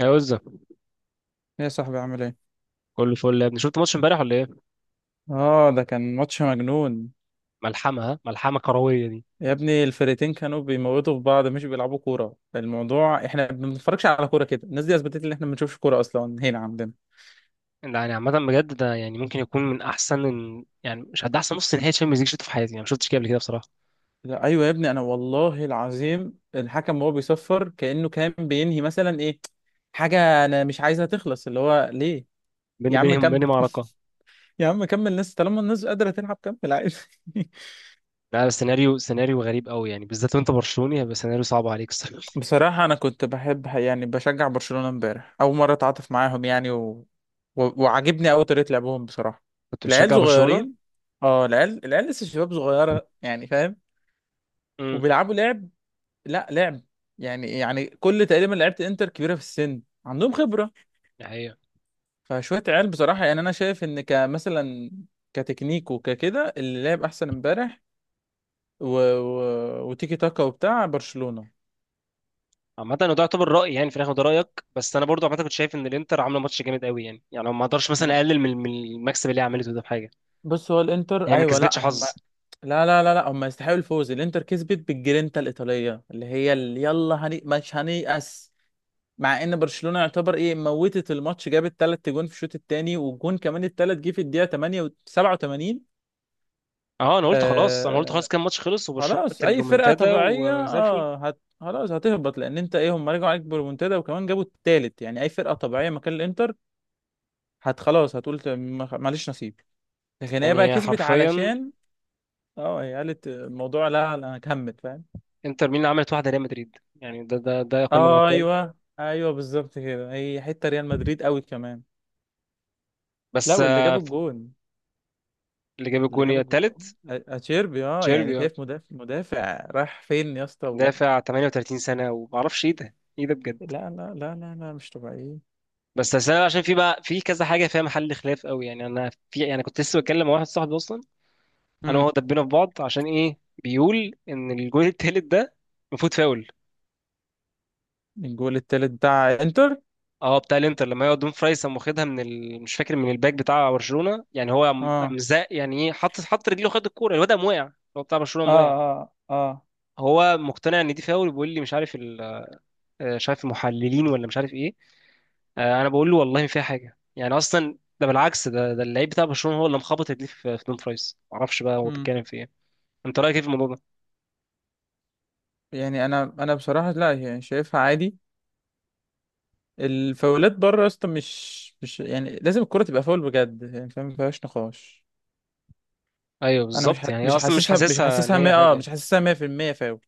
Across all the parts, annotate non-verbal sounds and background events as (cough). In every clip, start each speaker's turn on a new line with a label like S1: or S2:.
S1: يا وزة،
S2: ايه يا صاحبي عامل ايه؟
S1: كله فل يا ابني. شفت ماتش امبارح ولا ايه؟
S2: اه، ده كان ماتش مجنون.
S1: ملحمة. ها ملحمة كروية دي.
S2: يا ابني الفرقتين كانوا بيموتوا في بعض مش بيلعبوا كورة. الموضوع احنا ما بنتفرجش على كورة كده، الناس دي اثبتت ان احنا ما بنشوفش كورة اصلا هنا عندنا.
S1: يعني عامة بجد ده يعني ممكن يكون من احسن. يعني مش هد احسن نص نهائي تشامبيونز ليج شفته في حياتي. يعني ما شفتش كده قبل كده بصراحة.
S2: لا ايوه يا ابني، انا والله العظيم الحكم وهو بيصفر كأنه كان بينهي مثلا ايه حاجة انا مش عايزها تخلص. اللي هو ليه؟
S1: بيني
S2: يا عم
S1: بينهم، بيني
S2: كمل (laughs)
S1: معركة.
S2: يا عم كمل، الناس طالما الناس قادرة تلعب كمل عادي.
S1: لا بس سيناريو، سيناريو غريب قوي يعني، بالذات وانت برشلوني هيبقى سيناريو صعب عليك الصراحة. (laughs)
S2: بصراحة أنا كنت بحب يعني بشجع برشلونة امبارح، أول مرة أتعاطف معاهم يعني و... و... وعاجبني أوي طريقة لعبهم بصراحة.
S1: كنت
S2: العيال
S1: بتشجع برشلونة.
S2: صغيرين. اه العيال لسه شباب صغيرة يعني، فاهم؟
S1: امم،
S2: وبيلعبوا لعب، لا لعب، يعني يعني كل تقريبا لعيبة انتر كبيرة في السن عندهم خبرة،
S1: دي حقيقة.
S2: فشوية عيال. بصراحة يعني أنا شايف إن كمثلا كتكنيك وككده اللي لعب أحسن امبارح و... و... وتيكي تاكا وبتاع برشلونة.
S1: عامة إنه ده يعتبر رأي، يعني في الآخر ده رأيك، بس أنا برضو عامة كنت شايف إن الإنتر عاملة ماتش جامد قوي. يعني يعني ما أقدرش مثلا
S2: ما-
S1: أقلل من المكسب اللي هي عملته ده بحاجة.
S2: بص، هو الانتر
S1: هي ما
S2: ايوه. لا،
S1: كسبتش حظ.
S2: لا لا لا لا هم يستحقوا الفوز. الانتر كسبت بالجرينتا الايطاليه اللي هي اللي يلا، هني مش هنيأس. مع ان برشلونه يعتبر ايه موتت الماتش، جابت 3 جون في الشوط الثاني، والجون كمان الثالث جه في الدقيقه 8 و 87.
S1: اه انا قلت خلاص، انا قلت
S2: آه،
S1: خلاص كان ماتش خلص وبرشلونه
S2: خلاص
S1: عملت
S2: اي فرقه
S1: الرومنتادا
S2: طبيعيه،
S1: وزي الفل.
S2: اه هت خلاص هتهبط، لان انت ايه، هم رجعوا عليك بريمونتادا وكمان جابوا الثالث، يعني اي فرقه طبيعيه مكان الانتر هت خلاص هتقول معلش نصيب. لكن هي بقى
S1: يعني
S2: كسبت
S1: حرفيا
S2: علشان اه، هي قالت الموضوع لا انا هكمل، فاهم؟
S1: انتر ميلان عملت واحده ريال مدريد. يعني ده كل ما
S2: آه
S1: يقال.
S2: ايوه ايوه، بالظبط كده، هي حته ريال مدريد قوي كمان. لا،
S1: بس
S2: واللي
S1: آه،
S2: جاب الجون،
S1: اللي جاب
S2: اللي
S1: الجون
S2: جاب الجون
S1: التالت
S2: اتشيربي، اه يعني
S1: تشيربي آه،
S2: شايف مدافع مدافع راح فين يا اسطى
S1: دافع 38 سنه. وما اعرفش ايه ده، ايه ده
S2: لا
S1: بجد.
S2: لا لا لا لا مش طبيعيين.
S1: بس أصل انا عشان في بقى في كذا حاجه فيها محل خلاف قوي. يعني انا في، يعني كنت لسه بتكلم مع واحد صاحبي اصلا، انا
S2: امم.
S1: وهو دبينا في بعض. عشان ايه؟ بيقول ان الجون التالت ده المفروض فاول.
S2: الجول التالت بتاع انتر
S1: اه بتاع الانتر، لما هو دون فراي قام واخدها من ال... مش فاكر من الباك بتاع برشلونه. يعني هو قام،
S2: اه
S1: زق يعني ايه، حط رجله، خد الكوره، الواد قام وقع، هو بتاع برشلونه
S2: اه
S1: قام وقع.
S2: اه. اه.
S1: هو مقتنع ان دي فاول، بيقول لي مش عارف ال... آه، مش عارف المحللين ولا مش عارف ايه. آه، انا بقول له والله ما فيها حاجه، يعني اصلا ده بالعكس، ده ده اللعيب بتاع برشلونه هو اللي مخبط رجليه في دون فرايس. معرفش بقى هو
S2: امم.
S1: بيتكلم في ايه. انت رايك ايه في الموضوع ده؟
S2: يعني انا بصراحه لا يعني شايفها عادي. الفاولات بره يا اسطى، مش مش يعني لازم الكره تبقى فاول بجد يعني فاهم، ما فيهاش نقاش.
S1: ايوه
S2: انا
S1: بالظبط، يعني هي
S2: مش
S1: اصلا مش
S2: حاسسها مش
S1: حاسسها ان
S2: حاسسها
S1: هي
S2: 100، اه
S1: حاجه.
S2: مش حاسسها 100% فاول.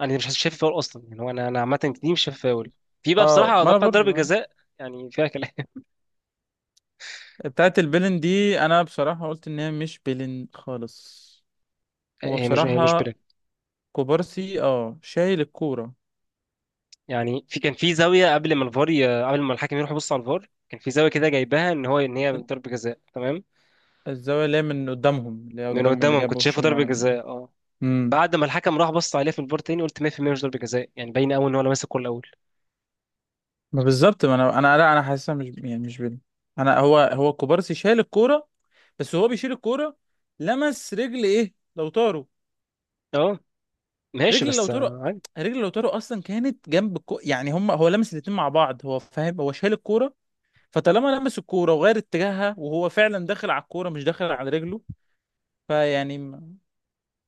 S1: انا مش حاسس- شايف فاول اصلا يعني. هو انا، عامه دي مش شايف فاول. في بقى
S2: اه
S1: بصراحه
S2: ما
S1: ده
S2: انا
S1: بتاع ضربه
S2: برضو.
S1: جزاء، يعني فيها كلام.
S2: بتاعت البلن دي انا بصراحة قلت ان هي مش بلن خالص. هو
S1: هي مش، هي مش
S2: بصراحة
S1: بلاك.
S2: كوبارسي اه شايل الكورة.
S1: يعني في كان في زاويه، قبل ما الحكم يروح يبص على الفار، كان في زاويه كده جايبها ان هو ان هي ضربه جزاء، تمام.
S2: الزاوية اللي هي من قدامهم، اللي هي
S1: من
S2: قدام اللي
S1: قدامهم
S2: جاب
S1: كنت
S2: وش
S1: شايفه ضربه
S2: اللاعب.
S1: جزاء، اه.
S2: امم.
S1: بعد ما الحكم راح بص عليها في الفار تاني قلت 100% مش ضربه جزاء. يعني باين قوي ان هو لمس الكوره الاول،
S2: ما بالظبط، ما انا لا انا حاسسها مش يعني مش بلن. انا هو هو كوبارسي شايل الكورة. بس هو بيشيل الكورة. لمس رجل ايه لوتارو.
S1: اه. ماشي
S2: رجل
S1: بس
S2: لوتارو.
S1: آه، عادي.
S2: رجل لوتارو اصلا كانت جنب. يعني هم هو لمس الاتنين مع بعض. هو فاهم هو شايل الكورة. فطالما لمس الكوره وغير اتجاهها وهو فعلا داخل على الكوره مش داخل على رجله. فيعني م-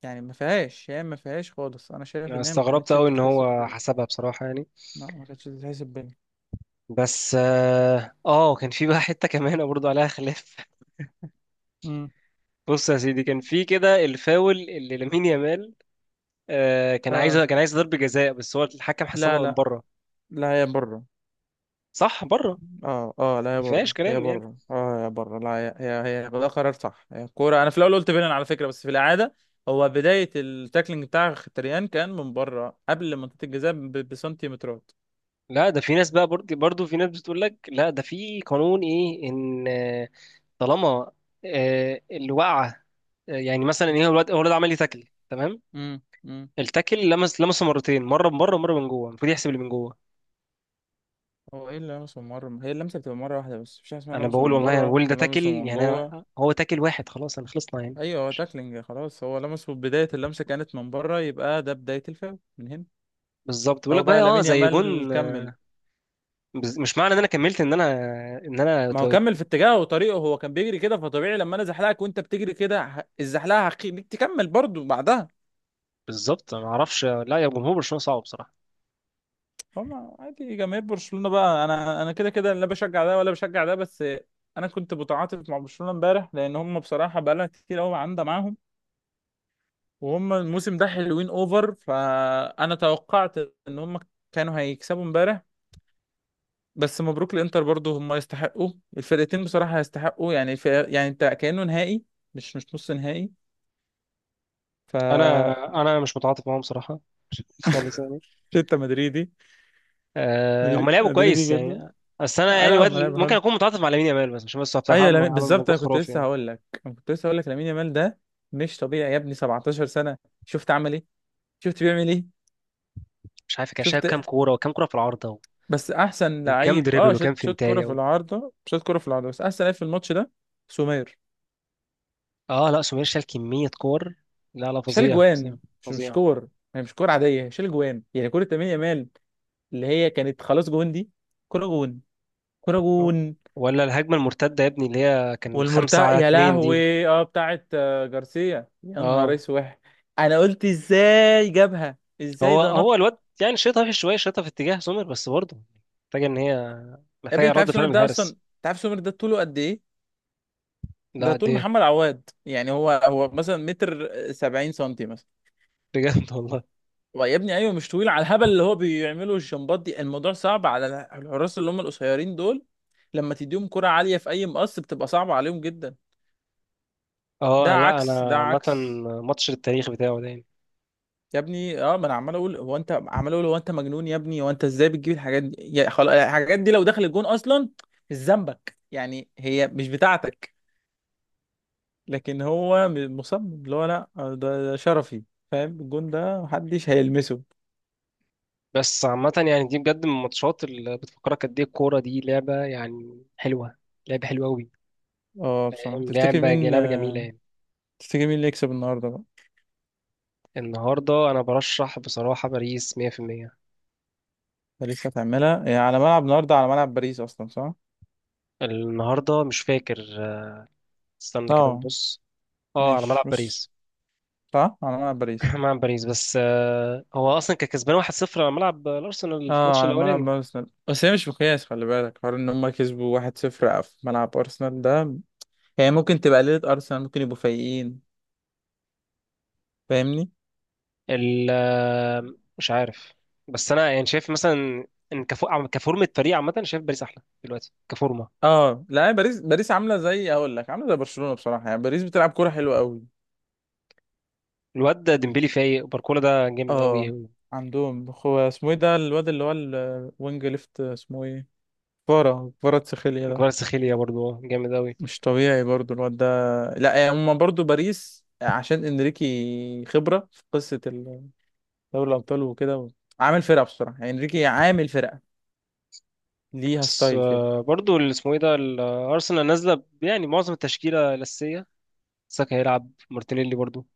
S2: يعني ما فيهاش، يعني ما فيهاش خالص. انا شايف
S1: انا
S2: ان هي ما
S1: استغربت
S2: كانتش
S1: قوي ان
S2: تتحسب
S1: هو
S2: بين.
S1: حسبها بصراحه يعني.
S2: لا ما كانتش تتحسب بين.
S1: بس اه آه، كان في بقى حته كمان برضه عليها خلاف. (laughs)
S2: امم.
S1: بص يا سيدي، كان في كده الفاول اللي لامين يامال. آه، كان عايز،
S2: اه
S1: كان عايز ضربه جزاء، بس هو الحكم
S2: لا
S1: حسبها من
S2: لا
S1: بره.
S2: لا هي بره.
S1: صح، بره.
S2: اه اه
S1: ما
S2: لا هي بره
S1: فيهاش
S2: هي
S1: كلام يعني.
S2: بره اه هي بره، لا هي ده قرار صح. هي الكوره انا في الاول قلت بينن على فكره، بس في الاعاده. هو بدايه التاكلينج بتاع مختريان كان من بره قبل منطقه الجزاء بسنتيمترات.
S1: لا ده في ناس بقى، برضه في ناس بتقول لك لا ده في قانون ايه، ان آه، طالما آه، الوقعه آه، يعني مثلا ايه، هو الواد، هو الواد عمل لي تاكل، تمام.
S2: امم.
S1: التاكل لمس لمسه مرتين، مره من بره ومره من جوه، المفروض يحسب اللي من جوه.
S2: هو ايه اللمس من بره؟ هي اللمسه بتبقى مره واحده بس، مفيش حاجه اسمها
S1: انا
S2: لمسه
S1: بقول
S2: من
S1: والله، انا
S2: بره
S1: بقول ده تاكل
S2: ولمسه من
S1: يعني.
S2: جوه.
S1: أنا هو تاكل واحد خلاص، انا خلصنا يعني.
S2: ايوه هو تاكلينج خلاص، هو لمسه بدايه اللمسه كانت من بره، يبقى ده بدايه الفاول من هنا.
S1: بالظبط. بيقول لك
S2: هو
S1: بقى
S2: بقى
S1: اه
S2: لامين
S1: زي
S2: يامال
S1: جون آه،
S2: كمل.
S1: مش معنى ان انا كملت ان انا، ان انا
S2: ما هو
S1: اتو-
S2: كمل في اتجاهه وطريقه، هو كان بيجري كده، فطبيعي لما انا زحلقك وانت بتجري كده الزحلقه هخليك تكمل برضو بعدها.
S1: بالظبط. أنا ما اعرفش. لا يا جمهور برشلونه صعب بصراحه.
S2: فما عادي جماهير برشلونه بقى، انا كده كده لا بشجع ده ولا بشجع ده بس. انا كنت متعاطف مع برشلونه امبارح لان هم بصراحه بقالها كتير قوي عندها معاهم. وهم الموسم ده حلوين اوفر، فانا توقعت ان هم كانوا هيكسبوا امبارح. بس مبروك الانتر برضو، هم يستحقوا. الفرقتين بصراحة يستحقوا، يعني في يعني انت كأنه نهائي، مش مش نص نهائي. ف
S1: انا انا مش متعاطف معاهم صراحه. (laughs) خالص يعني.
S2: انت مدريدي.
S1: أه هم لعبوا كويس
S2: مدريدي جدا.
S1: يعني. بس انا
S2: آه،
S1: يعني
S2: لا
S1: الواد
S2: هم لعب
S1: ممكن
S2: حلو.
S1: اكون متعاطف مع لامين يامال، بس مش بس بصراحه
S2: ايوه
S1: عمل
S2: لامين
S1: عمل
S2: بالظبط،
S1: مجهود
S2: انا كنت
S1: خرافي
S2: لسه
S1: يعني.
S2: هقول لك، انا كنت لسه هقول لك لامين يامال ده مش طبيعي يا ابني. 17 سنة، شفت عمل ايه، شفت بيعمل ايه،
S1: مش عارف كان شايل
S2: شفت.
S1: كام كوره، وكام كوره في العارضه،
S2: بس احسن
S1: وكام
S2: لعيب اه
S1: دريبل، وكام
S2: شات شات كوره
S1: فنتايه
S2: في
S1: و...
S2: العارضه، شات كوره في العارضه، بس احسن لعيب في الماتش ده. سومير
S1: اه لا سمير شال كميه كور، لا لا،
S2: شال
S1: فظيع، فظيع،
S2: جوان، مش مش
S1: فظيع.
S2: كور، يعني مش كور عاديه، شال جوان، يعني كوره لامين يامال اللي هي كانت خلاص جون دي، كوره جون، كوره
S1: آه.
S2: جون.
S1: ولا الهجمه المرتده يا ابني، اللي هي كان
S2: والمرتق
S1: خمسة على
S2: يا
S1: اتنين دي،
S2: لهوي اه بتاعت آه، جارسيا، يا
S1: اه.
S2: نهار اسود. انا قلت ازاي جابها، ازاي
S1: هو
S2: ده نط.
S1: هو الواد يعني شايطها في شويه، شايطها في اتجاه سمير، بس برضه محتاجه ان هي،
S2: يا ابني
S1: محتاجه
S2: انت
S1: رد
S2: عارف
S1: فعل
S2: سومير
S1: من
S2: ده اصلا،
S1: الحارس.
S2: انت عارف سومير ده طوله قد ايه؟ ده
S1: لا
S2: طول
S1: دي
S2: محمد عواد يعني، هو هو مثلا متر سبعين سنتي مثلا.
S1: بجد. (laughs) والله.
S2: ويا ابني ايوه مش طويل على الهبل اللي هو بيعمله، الجمبات دي الموضوع صعب على الحراس اللي هم القصيرين دول. لما تديهم كرة عالية في اي مقص بتبقى صعبة عليهم جدا. ده
S1: اه لا
S2: عكس،
S1: انا
S2: ده
S1: عامه،
S2: عكس.
S1: ماتش للتاريخ بتاعه ده يعني.
S2: يا ابني اه ما انا عمال اقول هو انت، عمال اقول هو انت مجنون يا ابني، هو انت ازاي بتجيب الحاجات دي، يا خلاص الحاجات دي لو دخل الجون اصلا مش ذنبك يعني، هي مش بتاعتك. لكن هو مصمم اللي هو لا آه، ده شرفي، فاهم، الجون ده محدش هيلمسه.
S1: بس عامه، يعني دي بجد من الماتشات اللي بتفكرك قد ايه الكوره دي لعبه يعني حلوه، لعبه حلوه قوي،
S2: اه بصراحة تفتكر
S1: لعبه،
S2: مين
S1: لعبه جميله
S2: آه،
S1: يعني.
S2: تفتكر مين اللي يكسب النهارده بقى؟
S1: النهارده انا برشح بصراحه باريس 100%.
S2: باريس هتعملها هي على ملعب النهارده، على ملعب باريس اصلا صح؟
S1: النهارده مش فاكر، استنى كده
S2: اه،
S1: نبص. اه على ملعب
S2: ماشي بص،
S1: باريس.
S2: صح على ملعب باريس.
S1: (laughs) ملعب باريس. بس آه، هو اصلا كان كسبان 1-0 على ملعب الارسنال في
S2: اه
S1: الماتش
S2: على ملعب
S1: الاولاني.
S2: ارسنال، بس هي مش مقياس، خلي بالك حوار ان هم كسبوا 1-0 في ملعب ارسنال ده. هي ممكن تبقى ليلة ارسنال، ممكن يبقوا فايقين، فاهمني؟
S1: ال، مش عارف. بس انا يعني شايف مثلا ان كفو... كفورمة فريق عامة، شايف باريس احلى دلوقتي كفورمة.
S2: اه لا هي باريس عامله زي اقول لك عامله زي برشلونه بصراحه، يعني باريس بتلعب كوره حلوه قوي.
S1: الواد ده ديمبلي فايق، باركولا ده جامد قوي،
S2: اه عندهم، هو اسمه ايه ده الواد اللي هو الوينج ليفت اسمه ايه؟ كفارة كفارة تسخيليا ده.
S1: كفاراتسخيليا برضو جامد قوي.
S2: مش طبيعي برضو الواد ده. لا يعني هما برضو باريس عشان انريكي خبرة في قصة دوري الأبطال وكده. عامل فرقة بصراحة يعني، انريكي عامل فرقة، ليها
S1: بس
S2: ستايل كده.
S1: آه، برضو اللي اسمه ايه ده، ال- ارسنال نازلة ب- يعني معظم التشكيلة الأساسية، ساكا هيلعب، مارتينيلي برضو.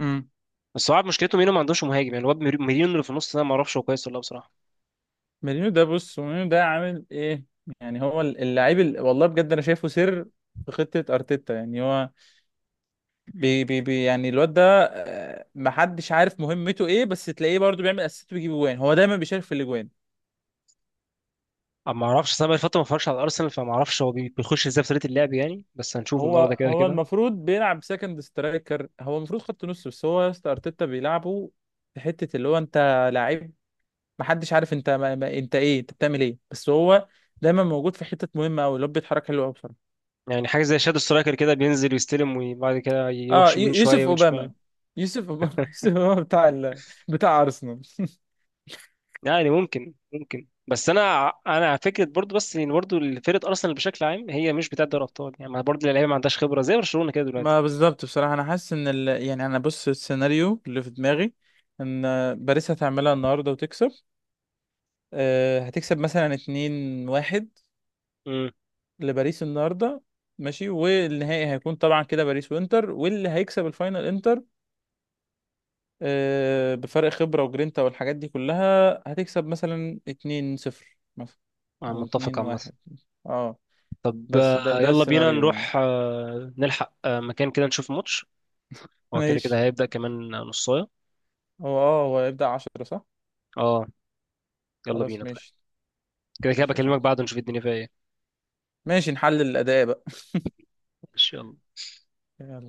S2: امم.
S1: بس هو عارف مشكلته مينو، ما عندوش مهاجم يعني. الواد ميرينو اللي في النص ده ما اعرفش هو كويس ولا لا بصراحة.
S2: مورينيو ده بص، مورينيو ده عامل ايه؟ يعني هو اللعيب والله بجد انا شايفه سر في خطة ارتيتا، يعني هو بي بي بي يعني الواد ده آه، محدش عارف مهمته ايه، بس تلاقيه برضو بيعمل اسيست ويجيب جوان، هو دايما بيشارك في الاجوان.
S1: أما ما اعرفش، أصل انا بقالي فترة ما اتفرجش على الارسنال، فما اعرفش هو بيخش ازاي في طريقة اللعب يعني، بس هنشوف
S2: هو
S1: النهارده كده
S2: هو
S1: كده.
S2: المفروض بيلعب سكند سترايكر، هو المفروض خط نص، بس هو يا اسطى ارتيتا بيلعبه في حته اللي هو انت لعيب محدش عارف انت ما انت ايه انت بتعمل ايه، بس هو دايما موجود في حتت مهمه قوي، اللي هو بيتحرك حلو قوي بصراحه.
S1: يعني حاجة زي شادو سترايكر كده، بينزل ويستلم وبعد كده
S2: اه
S1: يروح يمين شوية
S2: يوسف
S1: ومن شمال.
S2: اوباما، يوسف اوباما (laughs) يوسف اوباما بتاع بتاع ارسنال (laughs)
S1: يعني ممكن، ممكن. بس انا، انا على فكرة برضو، بس ان برضو فرقة ارسنال بشكل عام هي مش بتاعة دوري ابطال يعني. ما برضو اللعيبة ما عندهاش خبرة زي برشلونة كده دلوقتي.
S2: ما بالظبط بصراحه، انا حاسس ان يعني انا بص السيناريو اللي في دماغي ان باريس هتعملها النهارده وتكسب، أه هتكسب مثلا 2-1
S1: امم،
S2: لباريس النهارده. ماشي، والنهائي هيكون طبعا كده باريس وانتر، واللي هيكسب الفاينل انتر آه، بفرق خبرة وجرينتا والحاجات دي كلها، هتكسب مثلا 2-0 مثلا،
S1: انا
S2: او
S1: متفق عامة.
S2: 2-1. اه
S1: طب
S2: بس ده
S1: آه،
S2: ده
S1: يلا بينا
S2: السيناريو يعني.
S1: نروح آه، نلحق آه، مكان كده نشوف ماتش.
S2: (laughs)
S1: هو كده كده
S2: ماشي.
S1: هيبدأ كمان نصاية.
S2: هو اه هو هيبدأ 10 صح؟
S1: اه يلا
S2: خلاص
S1: بينا طيب.
S2: ماشي.
S1: كده كده
S2: ماشي يا
S1: بكلمك
S2: صاحبي.
S1: بعد نشوف الدنيا فيها ايه.
S2: ماشي نحلل الأداء
S1: ان شاء الله.
S2: بقى.